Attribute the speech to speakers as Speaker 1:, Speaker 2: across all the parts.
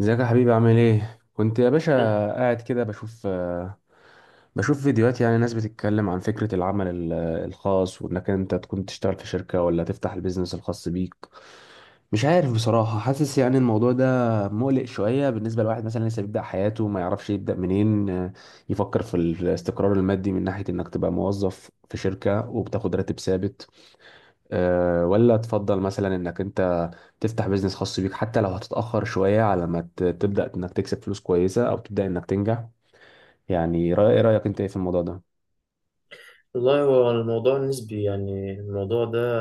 Speaker 1: ازيك يا حبيبي؟ عامل ايه؟ كنت يا باشا قاعد كده بشوف بشوف فيديوهات، يعني ناس بتتكلم عن فكرة العمل الخاص، وانك انت تكون تشتغل في شركة ولا تفتح البيزنس الخاص بيك. مش عارف بصراحة، حاسس يعني الموضوع ده مقلق شوية بالنسبة لواحد مثلا لسه بيبدأ حياته، ما يعرفش يبدأ منين. يفكر في الاستقرار المادي من ناحية انك تبقى موظف في شركة وبتاخد راتب ثابت، ولا تفضل مثلا انك انت تفتح بيزنس خاص بيك حتى لو هتتأخر شوية على ما تبدأ انك تكسب فلوس كويسة او تبدأ انك تنجح. يعني ايه رأيك انت، ايه في الموضوع ده؟
Speaker 2: والله هو الموضوع نسبي، يعني الموضوع ده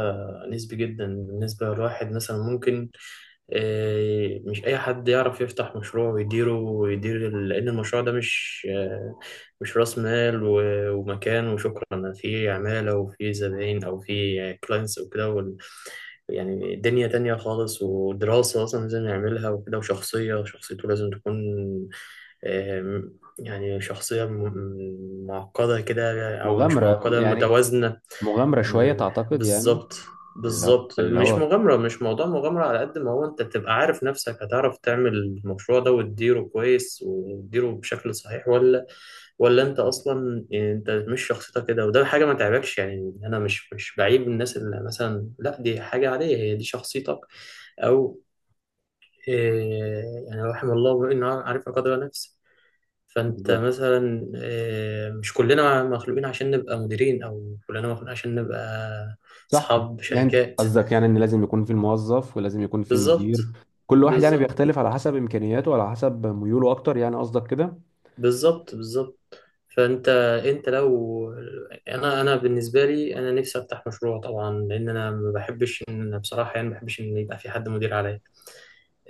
Speaker 2: نسبي جدا. بالنسبة لواحد مثلا ممكن مش أي حد يعرف يفتح مشروع ويديره ويدير لأن المشروع ده مش رأس مال ومكان وشكرا، فيه عمالة وفيه زباين أو فيه كلاينتس وكده يعني دنيا تانية خالص، ودراسة أصلا لازم يعملها وكده. وشخصية شخصيته لازم تكون يعني شخصية معقدة كده، أو مش
Speaker 1: مغامرة
Speaker 2: معقدة،
Speaker 1: يعني،
Speaker 2: متوازنة.
Speaker 1: مغامرة شوية
Speaker 2: آم،
Speaker 1: تعتقد يعني؟
Speaker 2: بالظبط.
Speaker 1: اللي هو
Speaker 2: بالظبط،
Speaker 1: اللي هو
Speaker 2: مش موضوع مغامرة، على قد ما هو أنت تبقى عارف نفسك هتعرف تعمل المشروع ده وتديره كويس وتديره بشكل صحيح، ولا أنت أصلا يعني أنت مش شخصيتك كده. وده حاجة ما تعبكش، يعني أنا مش بعيب الناس اللي مثلا، لا دي حاجة عادية، هي دي شخصيتك. أو آه، يعني رحم الله إنه عارف قدر نفسه. فانت
Speaker 1: بالظبط.
Speaker 2: مثلا مش كلنا مخلوقين عشان نبقى مديرين، او كلنا مخلوقين عشان نبقى
Speaker 1: صح.
Speaker 2: اصحاب
Speaker 1: يعني
Speaker 2: شركات.
Speaker 1: قصدك يعني ان لازم يكون في الموظف ولازم يكون في
Speaker 2: بالظبط،
Speaker 1: المدير؟ كل واحد يعني
Speaker 2: بالظبط،
Speaker 1: بيختلف على حسب امكانياته وعلى حسب ميوله اكتر، يعني قصدك كده؟
Speaker 2: بالظبط. بالظبط، فانت انت لو انا بالنسبه لي انا نفسي افتح مشروع طبعا، لان انا ما بحبش ان انا، بصراحه، يعني ما بحبش ان يبقى في حد مدير عليا.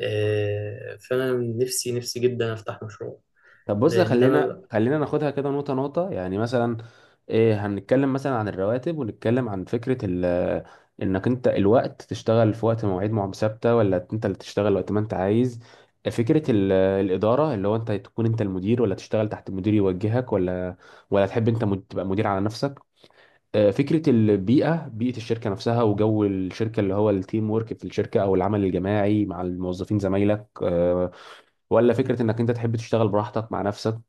Speaker 2: فانا نفسي، نفسي جدا افتح مشروع،
Speaker 1: طب بص،
Speaker 2: لان
Speaker 1: خلينا
Speaker 2: انا
Speaker 1: خلينا ناخدها كده نقطة نقطة. يعني مثلا إيه، هنتكلم مثلا عن الرواتب، ونتكلم عن فكرة ال، إنك أنت الوقت تشتغل في وقت مواعيد ثابتة، ولا أنت اللي تشتغل وقت ما أنت عايز. فكرة الإدارة، اللي هو أنت تكون أنت المدير، ولا تشتغل تحت مدير يوجهك، ولا ولا تحب أنت تبقى مدير على نفسك. فكرة البيئة، بيئة الشركة نفسها وجو الشركة اللي هو التيم ورك في الشركة أو العمل الجماعي مع الموظفين زمايلك، ولا فكرة انك انت تحب تشتغل براحتك مع نفسك.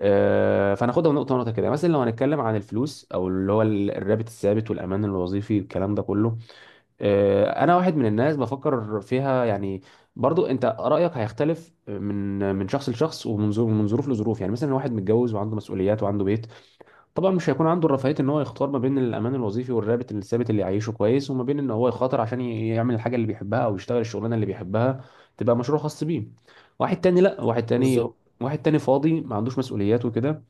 Speaker 1: فناخدها نقطه نقطه كده. مثلا لو هنتكلم عن الفلوس او اللي هو الرابط الثابت والامان الوظيفي والكلام ده كله، انا واحد من الناس بفكر فيها يعني. برضو انت رايك هيختلف من شخص لشخص، ومن ظروف، من ظروف لظروف. يعني مثلا واحد متجوز وعنده مسؤوليات وعنده بيت، طبعا مش هيكون عنده الرفاهيه ان هو يختار ما بين الامان الوظيفي والرابط الثابت اللي يعيشه كويس، وما بين ان هو يخاطر عشان يعمل الحاجه اللي بيحبها او يشتغل الشغلانه اللي بيحبها، تبقى مشروع خاص بيه. واحد تاني لا، واحد تاني،
Speaker 2: بالظبط،
Speaker 1: واحد تاني فاضي ما عندوش مسؤوليات وكده،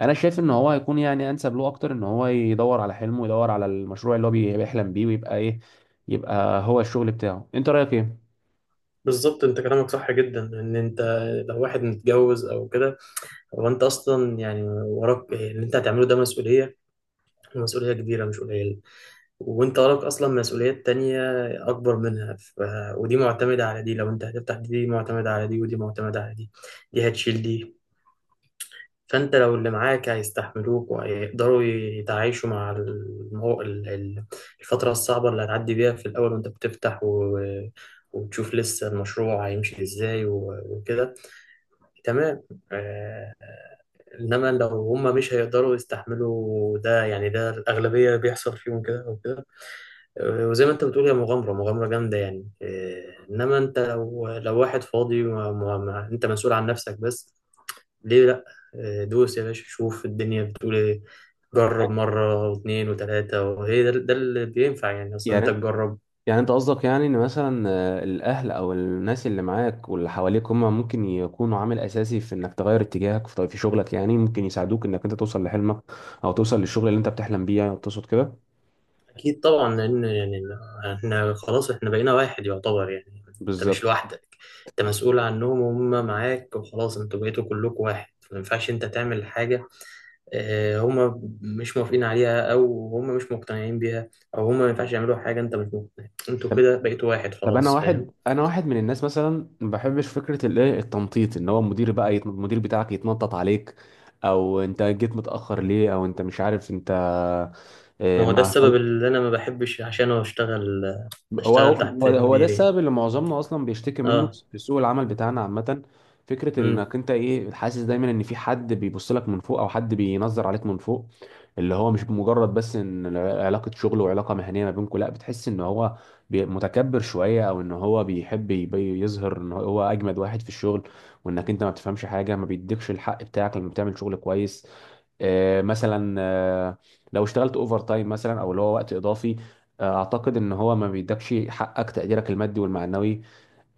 Speaker 1: انا شايف ان هو هيكون يعني انسب له اكتر ان هو يدور على حلمه ويدور على المشروع اللي هو بيحلم بيه، ويبقى ايه، يبقى هو الشغل بتاعه. انت رايك ايه؟
Speaker 2: بالظبط. انت كلامك صح جدا، ان انت لو واحد متجوز او كده، هو انت اصلا يعني وراك اللي انت هتعمله ده مسؤوليه، ومسؤوليه كبيره مش قليله. وانت وراك اصلا مسؤوليات تانية اكبر منها. ودي معتمده على دي، لو انت هتفتح دي معتمده على دي، ودي معتمده على دي، دي هتشيل دي. فانت لو اللي معاك هيستحملوك وهيقدروا يتعايشوا مع الفتره الصعبه اللي هتعدي بيها في الاول وانت بتفتح، وتشوف لسه المشروع هيمشي ازاي وكده، تمام. آه، انما لو هم مش هيقدروا يستحملوا ده، يعني ده الاغلبيه بيحصل فيهم كده او كده. وزي ما انت بتقول، هي مغامره، مغامره جامده يعني. انما انت لو واحد فاضي، ما ما ما انت مسؤول عن نفسك بس، ليه لا؟ دوس يا باشا، شوف الدنيا بتقول ايه. جرب مره واثنين وثلاثه، وهي ده اللي بينفع، يعني اصلا انت
Speaker 1: يعني
Speaker 2: تجرب.
Speaker 1: يعني انت قصدك، يعني ان مثلا الاهل او الناس اللي معاك واللي حواليك هم ممكن يكونوا عامل اساسي في انك تغير اتجاهك في شغلك، يعني ممكن يساعدوك انك انت توصل لحلمك او توصل للشغل اللي انت بتحلم بيه، يعني تقصد كده؟
Speaker 2: اكيد طبعا، لان يعني احنا خلاص، احنا بقينا واحد يعتبر يعني، انت مش
Speaker 1: بالظبط.
Speaker 2: لوحدك. انت مسؤول عنهم وهم معاك، وخلاص انتوا بقيتوا كلكم واحد، ما ينفعش انت تعمل حاجه هم مش موافقين عليها، او هم مش مقتنعين بيها، او هم ما ينفعش يعملوا حاجه انت مش مقتنع. انتوا
Speaker 1: طب،
Speaker 2: كده بقيتوا واحد،
Speaker 1: طب انا
Speaker 2: خلاص، فاهم؟
Speaker 1: واحد، انا واحد من الناس مثلا ما بحبش فكره الايه التنطيط، ان هو المدير بقى يت... المدير بتاعك يتنطط عليك، او انت جيت متاخر ليه، او انت مش عارف انت،
Speaker 2: ما هو ده
Speaker 1: ما
Speaker 2: السبب اللي انا ما بحبش عشانه اشتغل،
Speaker 1: هو هو
Speaker 2: تحت
Speaker 1: هو ده
Speaker 2: مديرين.
Speaker 1: السبب اللي معظمنا اصلا بيشتكي منه
Speaker 2: اه.
Speaker 1: في سوق العمل بتاعنا عامه. فكره
Speaker 2: امم.
Speaker 1: انك انت ايه، حاسس دايما ان في حد بيبص لك من فوق او حد بينظر عليك من فوق، اللي هو مش مجرد بس ان علاقه شغل وعلاقه مهنيه ما بينكم، لا، بتحس ان هو متكبر شويه، او ان هو بيحب يظهر ان هو اجمد واحد في الشغل، وانك انت ما بتفهمش حاجه، ما بيديكش الحق بتاعك لما بتعمل شغل كويس. مثلا، لو اشتغلت اوفر تايم مثلا، او اللي هو وقت اضافي، اعتقد ان هو ما بيدكش حقك، تقديرك المادي والمعنوي.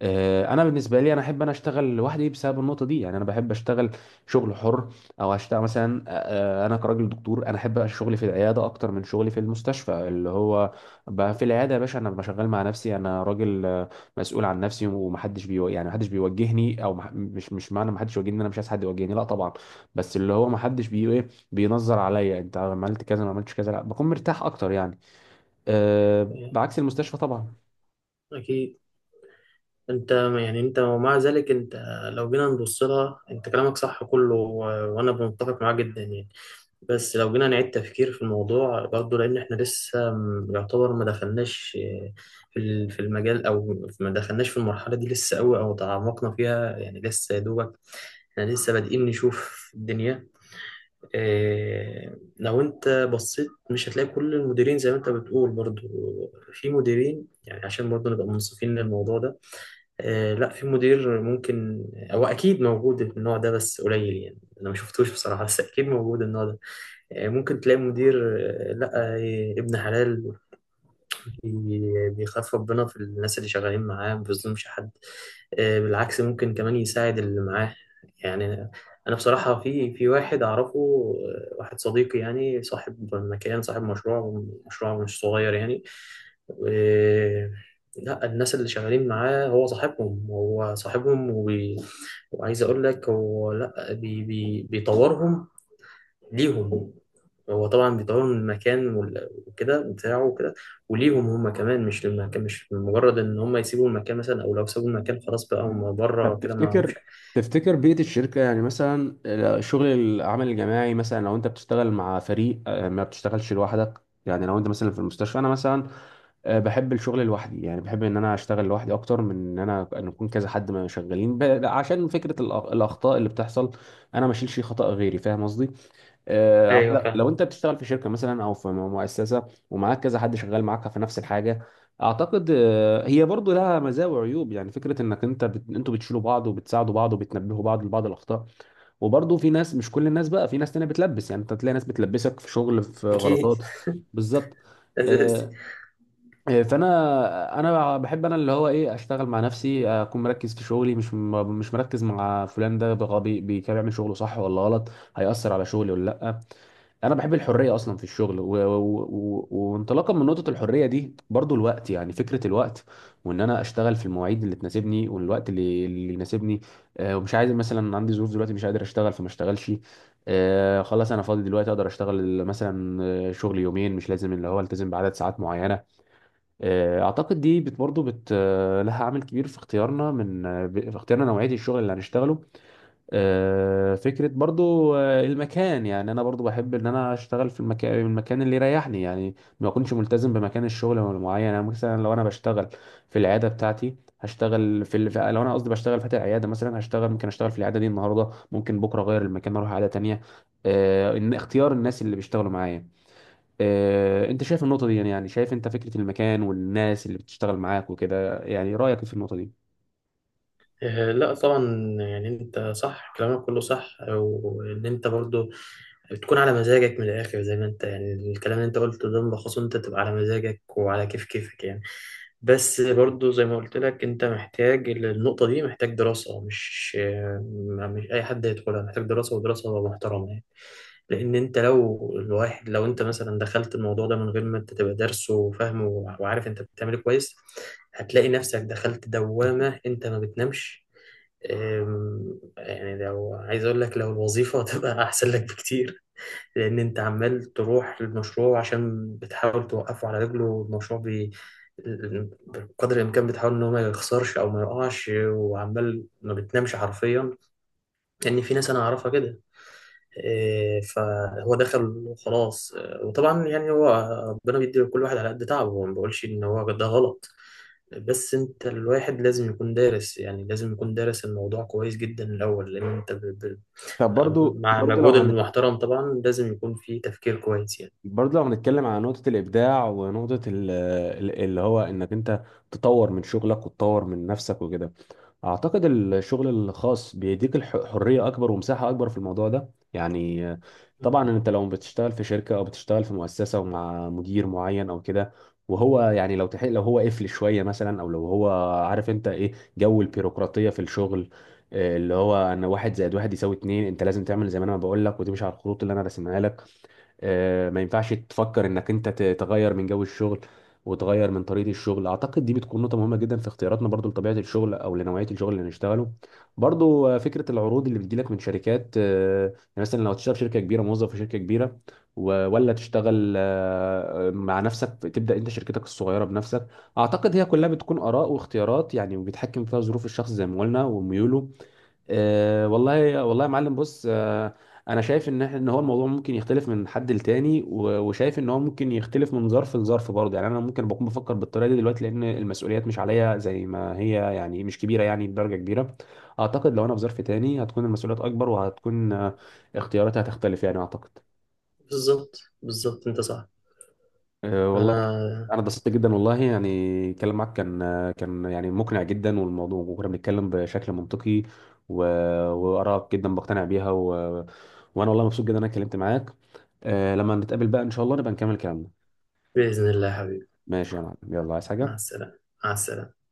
Speaker 1: انا بالنسبه لي، انا احب انا اشتغل لوحدي بسبب النقطه دي. يعني انا بحب اشتغل شغل حر، او اشتغل مثلا، انا كراجل دكتور، انا احب شغلي في العياده اكتر من شغلي في المستشفى. اللي هو بقى في العياده يا باشا، انا بشغل مع نفسي، انا راجل مسؤول عن نفسي، ومحدش بيو... يعني محدش بيوجهني، او مح... مش مش معنى محدش يوجهني إن انا مش عايز حد يوجهني، لا طبعا، بس اللي هو محدش بي ايه، بينظر عليا انت عملت كذا ما عملتش كذا، لا بكون مرتاح اكتر يعني. بعكس المستشفى طبعا.
Speaker 2: اكيد. انت، يعني انت ومع ذلك انت، لو جينا نبص لها انت كلامك صح كله، وانا متفق معاه جدا يعني. بس لو جينا نعيد تفكير في الموضوع برضه، لان احنا لسه يعتبر ما دخلناش في في المجال، او ما دخلناش في المرحله دي لسه قوي، او تعمقنا فيها، يعني لسه يا دوبك احنا لسه بادئين نشوف الدنيا. اه، لو انت بصيت مش هتلاقي كل المديرين زي ما انت بتقول برضه. في مديرين، يعني عشان برضه نبقى منصفين للموضوع ده. لا، في مدير ممكن، هو اكيد موجود النوع ده، بس قليل يعني، انا ما شفتوش بصراحه، بس اكيد موجود النوع ده. ممكن تلاقي مدير، لا، ابن حلال، بيخاف ربنا في الناس اللي شغالين معاه، ما بيظلمش حد. بالعكس، ممكن كمان يساعد اللي معاه يعني. انا بصراحة في واحد اعرفه، واحد صديقي يعني، صاحب مكان، صاحب مشروع مش صغير يعني. آه، لا، الناس اللي شغالين معاه، هو صاحبهم، هو صاحبهم، وعايز اقول لك، هو لا بيطورهم ليهم. هو طبعا بيطوروا من المكان وكده بتاعه وكده، وليهم هم كمان، مش للمكان، مش مجرد ان هم يسيبوا المكان مثلا، او لو سابوا المكان خلاص بقى هم بره
Speaker 1: طب
Speaker 2: كده ما
Speaker 1: تفتكر،
Speaker 2: همش.
Speaker 1: تفتكر بيئة الشركة يعني مثلا، شغل العمل الجماعي مثلا، لو انت بتشتغل مع فريق ما بتشتغلش لوحدك، يعني لو انت مثلا في المستشفى، انا مثلا بحب الشغل لوحدي، يعني بحب ان انا اشتغل لوحدي اكتر من ان انا ان يكون كذا حد ما شغالين عشان فكرة الاخطاء اللي بتحصل، انا ما اشيلش خطأ غيري، فاهم قصدي؟
Speaker 2: ايوه،
Speaker 1: لو
Speaker 2: فاهم.
Speaker 1: انت بتشتغل في شركه مثلا او في مؤسسه ومعاك كذا حد شغال معاك في نفس الحاجه، اعتقد هي برضو لها مزايا وعيوب. يعني فكره انك انت بت... انتوا بتشيلوا بعض وبتساعدوا بعض وبتنبهوا بعض لبعض الاخطاء، وبرضو في ناس، مش كل الناس بقى، في ناس تانية بتلبس، يعني انت تلاقي ناس بتلبسك في شغل، في
Speaker 2: اكيد
Speaker 1: غلطات. بالظبط.
Speaker 2: أساسي.
Speaker 1: آه، فانا، انا بحب انا اللي هو ايه، اشتغل مع نفسي، اكون مركز في شغلي، مش مش مركز مع فلان ده بغبي كان بيعمل شغله صح ولا غلط، هيأثر على شغلي ولا لا. انا بحب الحريه اصلا في الشغل، وانطلاقا من نقطه الحريه دي، برضو الوقت، يعني فكره الوقت، وان انا اشتغل في المواعيد اللي تناسبني، والوقت اللي يناسبني. آه، ومش عايز، مثلا عندي ظروف دلوقتي مش قادر اشتغل فما اشتغلش، آه خلاص انا فاضي دلوقتي اقدر اشتغل مثلا، شغل يومين، مش لازم اللي هو التزم بعدد ساعات معينه. آه، اعتقد دي بت برضو بت لها عامل كبير في اختيارنا من، في اختيارنا نوعيه الشغل اللي هنشتغله. فكرة برضو المكان، يعني أنا برضو بحب إن أنا أشتغل في المكان، المكان اللي يريحني، يعني ما أكونش ملتزم بمكان الشغل معين. يعني مثلا لو أنا بشتغل في العيادة بتاعتي، هشتغل في ال... لو أنا قصدي بشتغل فاتح عيادة مثلا، هشتغل ممكن أشتغل في العيادة دي النهاردة، ممكن بكرة أغير المكان أروح عيادة تانية. إن اختيار الناس اللي بيشتغلوا معايا، أنت شايف النقطة دي يعني؟ يعني شايف أنت فكرة المكان والناس اللي بتشتغل معاك وكده، يعني رأيك في النقطة دي؟
Speaker 2: لا طبعا، يعني انت صح، كلامك كله صح، وان انت برضو بتكون على مزاجك من الآخر. زي ما أنت يعني، الكلام اللي أنت قلته ده ملخصه أنت تبقى على مزاجك وعلى كيف كيفك يعني. بس برضو زي ما قلت لك، أنت محتاج النقطة دي، محتاج دراسة، مش أي حد يدخلها، محتاج دراسة، ودراسة محترمة يعني. لأن أنت لو، الواحد لو أنت مثلا دخلت الموضوع ده من غير ما أنت تبقى دارسه وفاهمه، وعارف أنت بتعمل إيه كويس، هتلاقي نفسك دخلت دوامة أنت ما بتنامش. يعني لو عايز أقول لك، لو الوظيفة هتبقى أحسن لك بكتير. لأن أنت عمال تروح للمشروع عشان بتحاول توقفه على رجله، والمشروع بقدر الإمكان بتحاول إن هو ما يخسرش أو ما يقعش، وعمال ما بتنامش حرفيا، لأن في ناس أنا أعرفها كده. فهو دخل وخلاص، وطبعا يعني هو، ربنا بيدي لكل واحد على قد تعبه، وما بقولش إن هو ده غلط. بس أنت الواحد لازم يكون دارس، يعني لازم يكون دارس الموضوع كويس جدا الأول، لأن أنت
Speaker 1: طب برضو،
Speaker 2: مع مجهود المحترم طبعا، لازم يكون في تفكير كويس
Speaker 1: برضه لو هنتكلم على نقطة الإبداع ونقطة اللي هو إنك أنت تطور من شغلك وتطور من نفسك وكده، أعتقد الشغل الخاص بيديك حرية أكبر ومساحة أكبر في الموضوع ده يعني. آه،
Speaker 2: يعني.
Speaker 1: طبعا أنت لو بتشتغل في شركة أو بتشتغل في مؤسسة ومع مدير معين أو كده، وهو يعني لو تحق، لو هو قفل شوية مثلا، أو لو هو، عارف أنت إيه جو البيروقراطية في الشغل، اللي هو أن واحد زائد واحد يساوي اتنين، أنت لازم تعمل زي ما أنا بقول لك وتمشي على الخطوط اللي أنا راسمها لك. ما ينفعش تفكر انك انت تغير من جو الشغل وتغير من طريقة الشغل. اعتقد دي بتكون نقطة مهمة جدا في اختياراتنا، برضو لطبيعة الشغل او لنوعية الشغل اللي نشتغله. برضو فكرة العروض اللي بتجيلك من شركات، يعني مثلا لو تشتغل في شركة كبيرة، موظف في شركة كبيرة، ولا تشتغل مع نفسك، تبدأ انت شركتك الصغيرة بنفسك. اعتقد هي كلها بتكون آراء واختيارات يعني، وبيتحكم فيها ظروف الشخص زي ما قلنا وميوله. آه والله، والله يا معلم بص، آه انا شايف ان ان هو الموضوع ممكن يختلف من حد لتاني، وشايف ان هو ممكن يختلف من ظرف لظرف برضه. يعني انا ممكن بكون بفكر بالطريقه دي دلوقتي لان المسؤوليات مش عليا زي ما هي، يعني مش كبيره يعني بدرجه كبيره. اعتقد لو انا في ظرف تاني، هتكون المسؤوليات اكبر، وهتكون اختياراتي هتختلف يعني اعتقد.
Speaker 2: بالظبط، بالظبط، انت صح.
Speaker 1: أه والله.
Speaker 2: انا
Speaker 1: انا اتبسطت جدا والله يعني، الكلام معاك كان، كان يعني مقنع جدا، والموضوع، وكنا بنتكلم بشكل منطقي، و... وارائك جدا بقتنع بيها، وانا والله مبسوط جدا ان انا اتكلمت معاك. آه، لما نتقابل بقى ان شاء الله نبقى نكمل كلامنا.
Speaker 2: باذن الله يا حبيبي.
Speaker 1: ماشي يا معلم، يلا، عايز
Speaker 2: مع
Speaker 1: حاجة؟
Speaker 2: السلامه، مع السلامه.